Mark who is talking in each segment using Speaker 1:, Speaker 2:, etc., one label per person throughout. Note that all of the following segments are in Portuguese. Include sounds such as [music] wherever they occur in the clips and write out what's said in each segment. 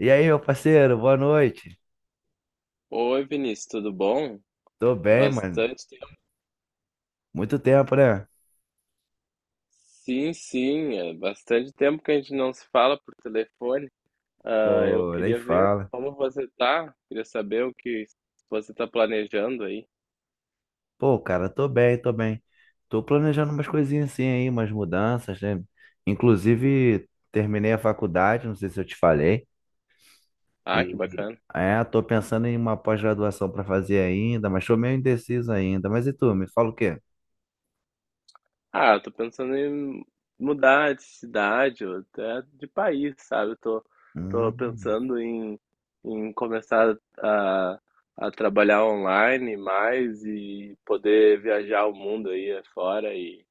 Speaker 1: E aí, meu parceiro, boa noite.
Speaker 2: Oi, Vinícius, tudo bom?
Speaker 1: Tô bem, mano.
Speaker 2: Bastante tempo.
Speaker 1: Muito tempo, né?
Speaker 2: Sim, sim, é bastante tempo que a gente não se fala por telefone. Ah, eu
Speaker 1: Pô, nem
Speaker 2: queria ver
Speaker 1: fala.
Speaker 2: como você tá, queria saber o que você tá planejando aí.
Speaker 1: Pô, cara, tô bem, tô bem. Tô planejando umas coisinhas assim aí, umas mudanças, né? Inclusive, terminei a faculdade, não sei se eu te falei.
Speaker 2: Ah, que
Speaker 1: E
Speaker 2: bacana.
Speaker 1: é, tô pensando em uma pós-graduação pra fazer ainda, mas tô meio indeciso ainda. Mas e tu, me fala o quê?
Speaker 2: Ah, eu tô pensando em mudar de cidade ou até de país, sabe? Tô
Speaker 1: Hum,
Speaker 2: pensando em começar a trabalhar online mais e poder viajar o mundo aí afora e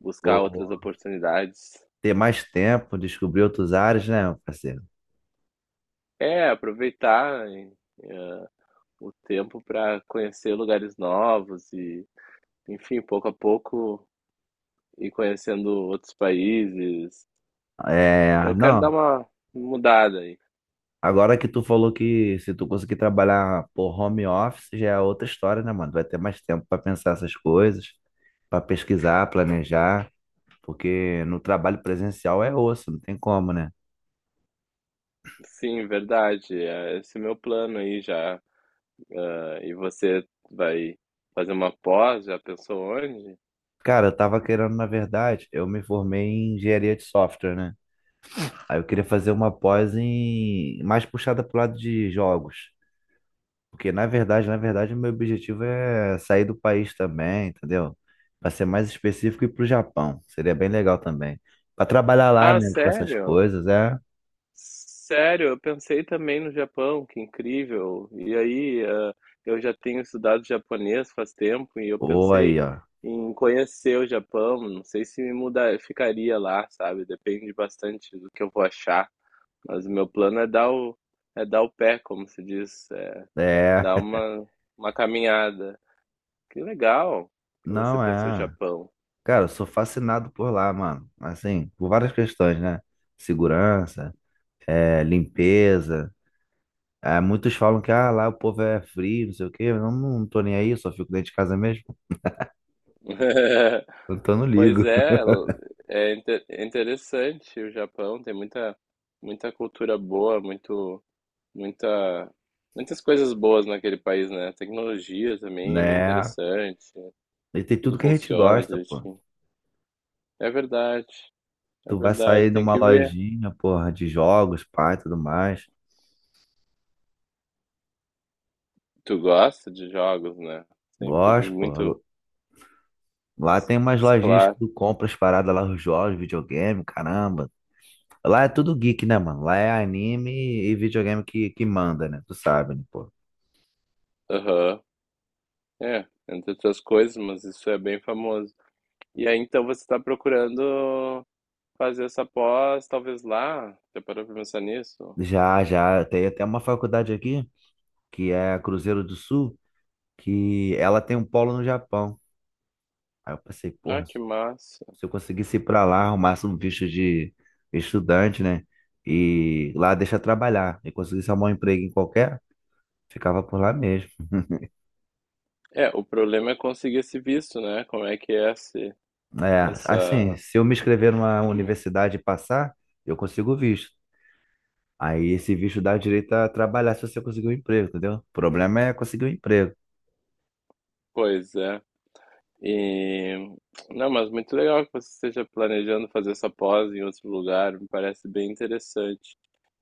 Speaker 2: buscar outras
Speaker 1: Pô,
Speaker 2: oportunidades.
Speaker 1: ter mais tempo, descobrir outros áreas, né, meu parceiro?
Speaker 2: É, aproveitar eh, o tempo para conhecer lugares novos e, enfim, pouco a pouco ir conhecendo outros países.
Speaker 1: É,
Speaker 2: Eu quero dar
Speaker 1: não.
Speaker 2: uma mudada aí.
Speaker 1: Agora que tu falou que se tu conseguir trabalhar por home office, já é outra história, né, mano? Vai ter mais tempo para pensar essas coisas, para pesquisar, planejar, porque no trabalho presencial é osso, não tem como, né?
Speaker 2: Sim, verdade. Esse é meu plano aí já. Ah, e você vai fazer uma pós? Já pensou onde?
Speaker 1: Cara, eu tava querendo, na verdade, eu me formei em engenharia de software, né? Aí eu queria fazer uma pós em mais puxada pro lado de jogos. Porque na verdade, o meu objetivo é sair do país também, entendeu? Para ser mais específico, ir pro Japão. Seria bem legal também. Para trabalhar lá,
Speaker 2: Ah,
Speaker 1: né, com essas
Speaker 2: sério?
Speaker 1: coisas, é.
Speaker 2: Sério, eu pensei também no Japão, que incrível. E aí, eu já tenho estudado japonês faz tempo e eu
Speaker 1: Ou
Speaker 2: pensei
Speaker 1: aí, ó.
Speaker 2: em conhecer o Japão. Não sei se me mudar, ficaria lá, sabe? Depende bastante do que eu vou achar. Mas o meu plano é é dar o pé, como se diz,
Speaker 1: É.
Speaker 2: dar
Speaker 1: [laughs]
Speaker 2: uma, uma caminhada. Que legal que você
Speaker 1: Não
Speaker 2: pensou
Speaker 1: é.
Speaker 2: Japão.
Speaker 1: Cara, eu sou fascinado por lá, mano. Assim, por várias questões, né? Segurança, é, limpeza. É, muitos falam que ah, lá o povo é frio, não sei o quê. Eu não, não tô nem aí, só fico dentro de casa mesmo. Então
Speaker 2: [laughs]
Speaker 1: eu não
Speaker 2: Pois
Speaker 1: ligo,
Speaker 2: é,
Speaker 1: [laughs]
Speaker 2: é interessante o Japão, tem muita, muita cultura boa, muita, muitas coisas boas naquele país, né? Tecnologia também é bem
Speaker 1: né?
Speaker 2: interessante,
Speaker 1: E tem tudo
Speaker 2: tudo
Speaker 1: que a gente
Speaker 2: funciona
Speaker 1: gosta, pô.
Speaker 2: direitinho. É verdade, é
Speaker 1: Tu vai
Speaker 2: verdade,
Speaker 1: sair
Speaker 2: tem
Speaker 1: numa
Speaker 2: que ver.
Speaker 1: lojinha, porra, de jogos, pá, e tudo mais.
Speaker 2: Tu gosta de jogos, né? Sempre
Speaker 1: Gosto, porra.
Speaker 2: muito
Speaker 1: Lá
Speaker 2: s-
Speaker 1: tem umas lojinhas que
Speaker 2: claro.
Speaker 1: tu compra as paradas lá, os jogos, videogame, caramba. Lá é tudo geek, né, mano? Lá é anime e videogame que manda, né? Tu sabe, né, pô?
Speaker 2: Aham, é, entre outras coisas, mas isso é bem famoso. E aí então você está procurando fazer essa pós, talvez lá. Já parou pra pensar nisso?
Speaker 1: Já, já. Tem até uma faculdade aqui, que é a Cruzeiro do Sul, que ela tem um polo no Japão. Aí eu pensei,
Speaker 2: Ah,
Speaker 1: porra,
Speaker 2: que massa.
Speaker 1: se eu conseguisse ir pra lá, arrumasse um visto de estudante, né? E lá deixa trabalhar. E conseguisse arrumar um emprego em qualquer, ficava por lá mesmo.
Speaker 2: É, o problema é conseguir esse visto, né? Como é que é
Speaker 1: É, assim,
Speaker 2: essa.
Speaker 1: se eu me inscrever numa
Speaker 2: É muito.
Speaker 1: universidade e passar, eu consigo o visto. Aí esse visto dá direito a trabalhar se você conseguir um emprego, entendeu? O problema é conseguir um emprego.
Speaker 2: Pois é. E. Não, mas muito legal que você esteja planejando fazer essa pós em outro lugar, me parece bem interessante.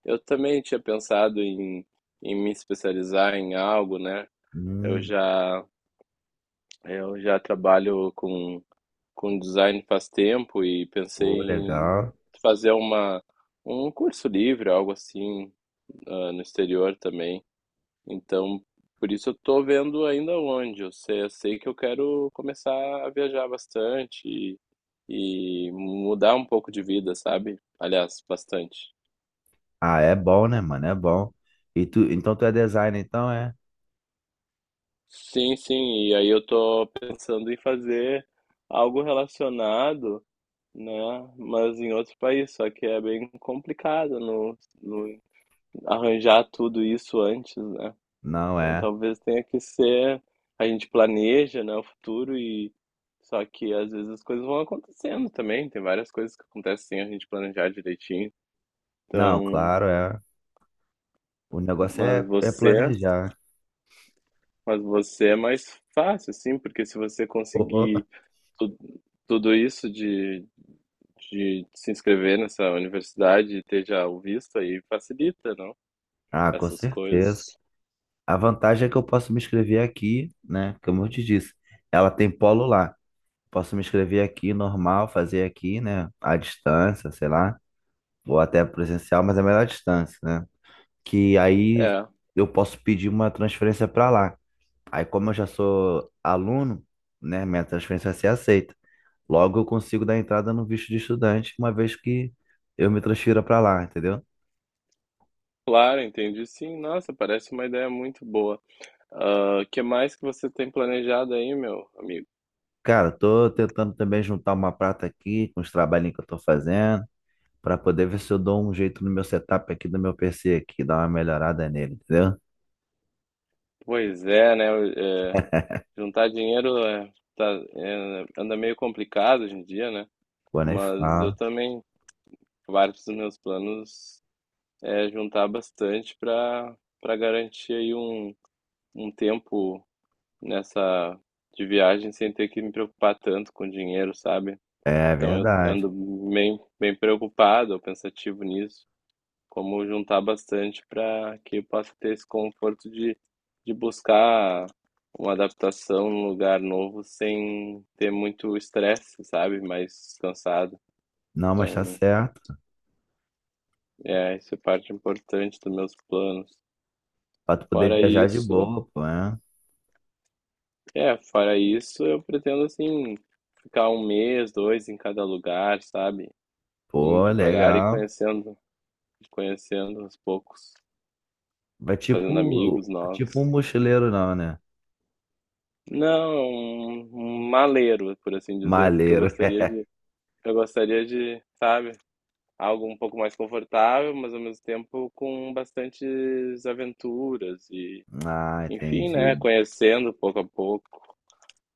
Speaker 2: Eu também tinha pensado em, me especializar em algo, né? Eu
Speaker 1: Hum,
Speaker 2: já, eu já trabalho com design faz tempo e pensei
Speaker 1: Pô,
Speaker 2: em
Speaker 1: legal.
Speaker 2: fazer uma, um curso livre, algo assim, no exterior também. Então, por isso eu tô vendo ainda onde. Eu sei que eu quero começar a viajar bastante e mudar um pouco de vida, sabe? Aliás, bastante.
Speaker 1: Ah, é bom, né, mano? É bom. E tu, então tu é designer, então é?
Speaker 2: Sim, sim, e aí eu tô pensando em fazer algo relacionado, né? Mas em outro país, só que é bem complicado no arranjar tudo isso antes, né?
Speaker 1: Não
Speaker 2: Então
Speaker 1: é.
Speaker 2: talvez tenha que ser, a gente planeja, né, o futuro e só que às vezes as coisas vão acontecendo também, tem várias coisas que acontecem sem a gente planejar direitinho.
Speaker 1: Não,
Speaker 2: Então,
Speaker 1: claro, é. O negócio
Speaker 2: mas
Speaker 1: é, é
Speaker 2: você,
Speaker 1: planejar.
Speaker 2: mas você é mais fácil assim, porque se você conseguir
Speaker 1: [laughs]
Speaker 2: tu- tudo isso de se inscrever nessa universidade e ter já o visto aí facilita, não?
Speaker 1: Ah, com
Speaker 2: Essas
Speaker 1: certeza.
Speaker 2: coisas.
Speaker 1: A vantagem é que eu posso me inscrever aqui, né? Como eu te disse, ela tem polo lá. Posso me inscrever aqui, normal, fazer aqui, né? À distância, sei lá, ou até presencial, mas é melhor à distância, né? Que aí
Speaker 2: É.
Speaker 1: eu posso pedir uma transferência para lá. Aí, como eu já sou aluno, né? Minha transferência vai ser aceita. Logo, eu consigo dar entrada no visto de estudante, uma vez que eu me transfira para lá, entendeu?
Speaker 2: Claro, entendi sim. Nossa, parece uma ideia muito boa. O que mais que você tem planejado aí, meu amigo?
Speaker 1: Cara, tô tentando também juntar uma prata aqui com os trabalhinhos que eu tô fazendo, pra poder ver se eu dou um jeito no meu setup aqui do meu PC aqui, dar uma melhorada nele, entendeu?
Speaker 2: Pois é, né? é, juntar dinheiro anda meio complicado hoje em dia, né?
Speaker 1: Pô, nem
Speaker 2: Mas eu
Speaker 1: fala.
Speaker 2: também, vários dos meus planos é juntar bastante para garantir aí um tempo nessa de viagem sem ter que me preocupar tanto com dinheiro, sabe?
Speaker 1: É
Speaker 2: Então eu
Speaker 1: verdade.
Speaker 2: ando bem, bem preocupado, pensativo nisso. Como juntar bastante para que eu possa ter esse conforto de, buscar uma adaptação num lugar novo sem ter muito estresse, sabe? Mais cansado.
Speaker 1: Não, mas tá
Speaker 2: Então,
Speaker 1: certo.
Speaker 2: isso é parte importante dos meus planos.
Speaker 1: Pra tu poder
Speaker 2: Fora
Speaker 1: viajar de
Speaker 2: isso,
Speaker 1: boa, pô, né?
Speaker 2: eu pretendo, assim, ficar um mês, dois em cada lugar, sabe? Assim,
Speaker 1: Pô,
Speaker 2: devagar e
Speaker 1: legal.
Speaker 2: conhecendo aos poucos,
Speaker 1: Vai
Speaker 2: fazendo
Speaker 1: tipo,
Speaker 2: amigos
Speaker 1: um
Speaker 2: novos.
Speaker 1: mochileiro não, né?
Speaker 2: Não, um maleiro, por assim dizer, porque
Speaker 1: Maleiro. [laughs]
Speaker 2: eu gostaria de, sabe, algo um pouco mais confortável, mas ao mesmo tempo com bastantes aventuras e,
Speaker 1: Ah,
Speaker 2: enfim, né,
Speaker 1: entendi.
Speaker 2: conhecendo pouco a pouco.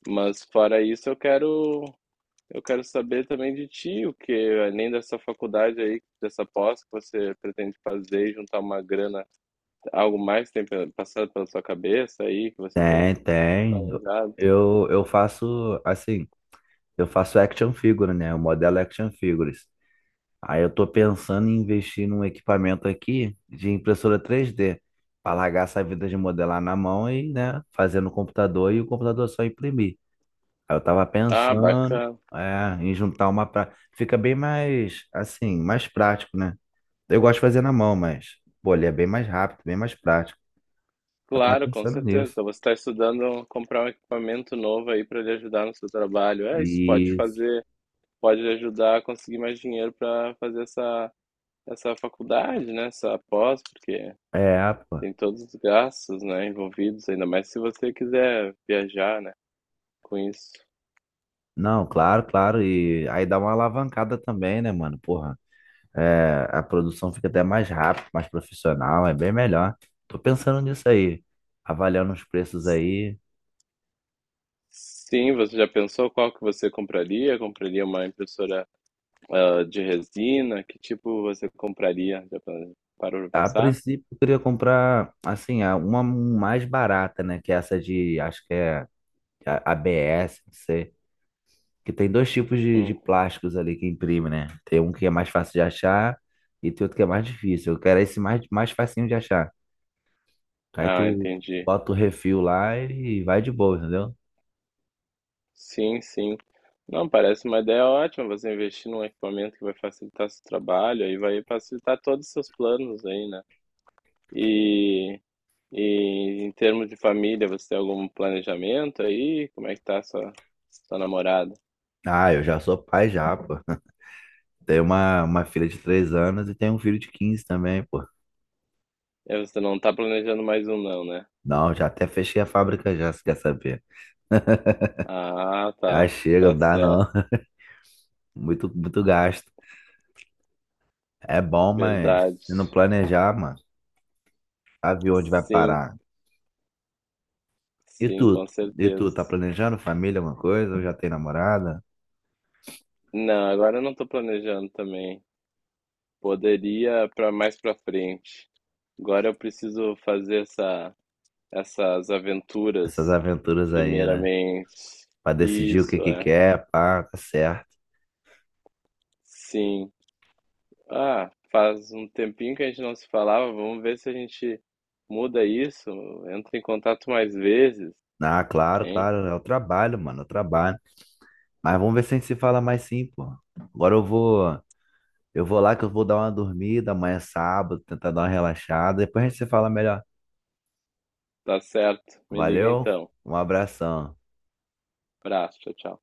Speaker 2: Mas fora isso, eu quero saber também de ti, o que além dessa faculdade aí, dessa pós que você pretende fazer, e juntar uma grana, algo mais tem passado pela sua cabeça aí que você tem
Speaker 1: Tem, tem.
Speaker 2: planejado?
Speaker 1: Eu faço assim, eu faço action figure, né? Eu modelo é action figures. Aí eu tô pensando em investir num equipamento aqui de impressora 3D, para largar essa vida de modelar na mão e, né, fazer no computador e o computador só imprimir. Aí eu tava
Speaker 2: Ah,
Speaker 1: pensando,
Speaker 2: bacana.
Speaker 1: é, em juntar uma pra... Fica bem mais, assim, mais prático, né? Eu gosto de fazer na mão, mas, pô, ele é bem mais rápido, bem mais prático. Eu tava
Speaker 2: Claro, com
Speaker 1: pensando
Speaker 2: certeza.
Speaker 1: nisso.
Speaker 2: Então, você está estudando comprar um equipamento novo aí para lhe ajudar no seu trabalho. É, isso pode
Speaker 1: Isso.
Speaker 2: fazer, pode lhe ajudar a conseguir mais dinheiro para fazer essa faculdade, né? Essa pós, porque
Speaker 1: É, pô.
Speaker 2: tem todos os gastos, né, envolvidos, ainda mais se você quiser viajar, né, com isso.
Speaker 1: Não, claro, claro. E aí dá uma alavancada também, né, mano? Porra. É, a produção fica até mais rápida, mais profissional, é bem melhor. Tô pensando nisso aí, avaliando os preços aí.
Speaker 2: Sim, você já pensou qual que você compraria? Compraria uma impressora, de resina? Que tipo você compraria? Já parou para
Speaker 1: A
Speaker 2: pensar?
Speaker 1: princípio, eu queria comprar, assim, uma um mais barata, né? Que é essa de, acho que é ABS, não sei. Que tem dois tipos de
Speaker 2: Hum.
Speaker 1: plásticos ali que imprime, né? Tem um que é mais fácil de achar e tem outro que é mais difícil. Eu quero esse mais, mais facinho de achar. Aí
Speaker 2: Ah,
Speaker 1: tu
Speaker 2: entendi.
Speaker 1: bota o refil lá e vai de boa, entendeu?
Speaker 2: Sim, sim. Não, parece uma ideia ótima você investir num equipamento que vai facilitar seu trabalho e vai facilitar todos os seus planos aí, né? E, e em termos de família, você tem algum planejamento aí? Como é que tá sua, sua namorada?
Speaker 1: Ah, eu já sou pai já, pô. Tem uma filha de 3 anos e tem um filho de 15 também, pô.
Speaker 2: É, você não tá planejando mais um não, né?
Speaker 1: Não, já até fechei a fábrica já, se quer saber. [laughs]
Speaker 2: Ah,
Speaker 1: Já
Speaker 2: tá.
Speaker 1: chega,
Speaker 2: Tá
Speaker 1: não dá não.
Speaker 2: certo.
Speaker 1: [laughs] Muito, muito gasto. É bom, mas
Speaker 2: Verdade.
Speaker 1: se não planejar, mano, sabe onde vai
Speaker 2: Sim,
Speaker 1: parar. E
Speaker 2: sim,
Speaker 1: tu?
Speaker 2: com
Speaker 1: E tu,
Speaker 2: certeza.
Speaker 1: tá planejando família, alguma coisa? Ou já tem namorada?
Speaker 2: Não, agora eu não tô planejando também. Poderia para mais para frente. Agora eu preciso fazer essas
Speaker 1: Essas
Speaker 2: aventuras,
Speaker 1: aventuras aí, né?
Speaker 2: primeiramente.
Speaker 1: Pra decidir o que
Speaker 2: Isso,
Speaker 1: que
Speaker 2: é.
Speaker 1: quer, pá, tá certo.
Speaker 2: Sim. Ah, faz um tempinho que a gente não se falava. Vamos ver se a gente muda isso. Entra em contato mais vezes,
Speaker 1: Ah, claro,
Speaker 2: hein?
Speaker 1: claro, é o trabalho, mano, é o trabalho. Mas vamos ver se a gente se fala mais sim, pô. Agora eu vou Eu vou lá que eu vou dar uma dormida, amanhã é sábado, tentar dar uma relaxada. Depois a gente se fala melhor.
Speaker 2: Tá certo. Me liga
Speaker 1: Valeu,
Speaker 2: então.
Speaker 1: um abração.
Speaker 2: Abraço, tchau, tchau.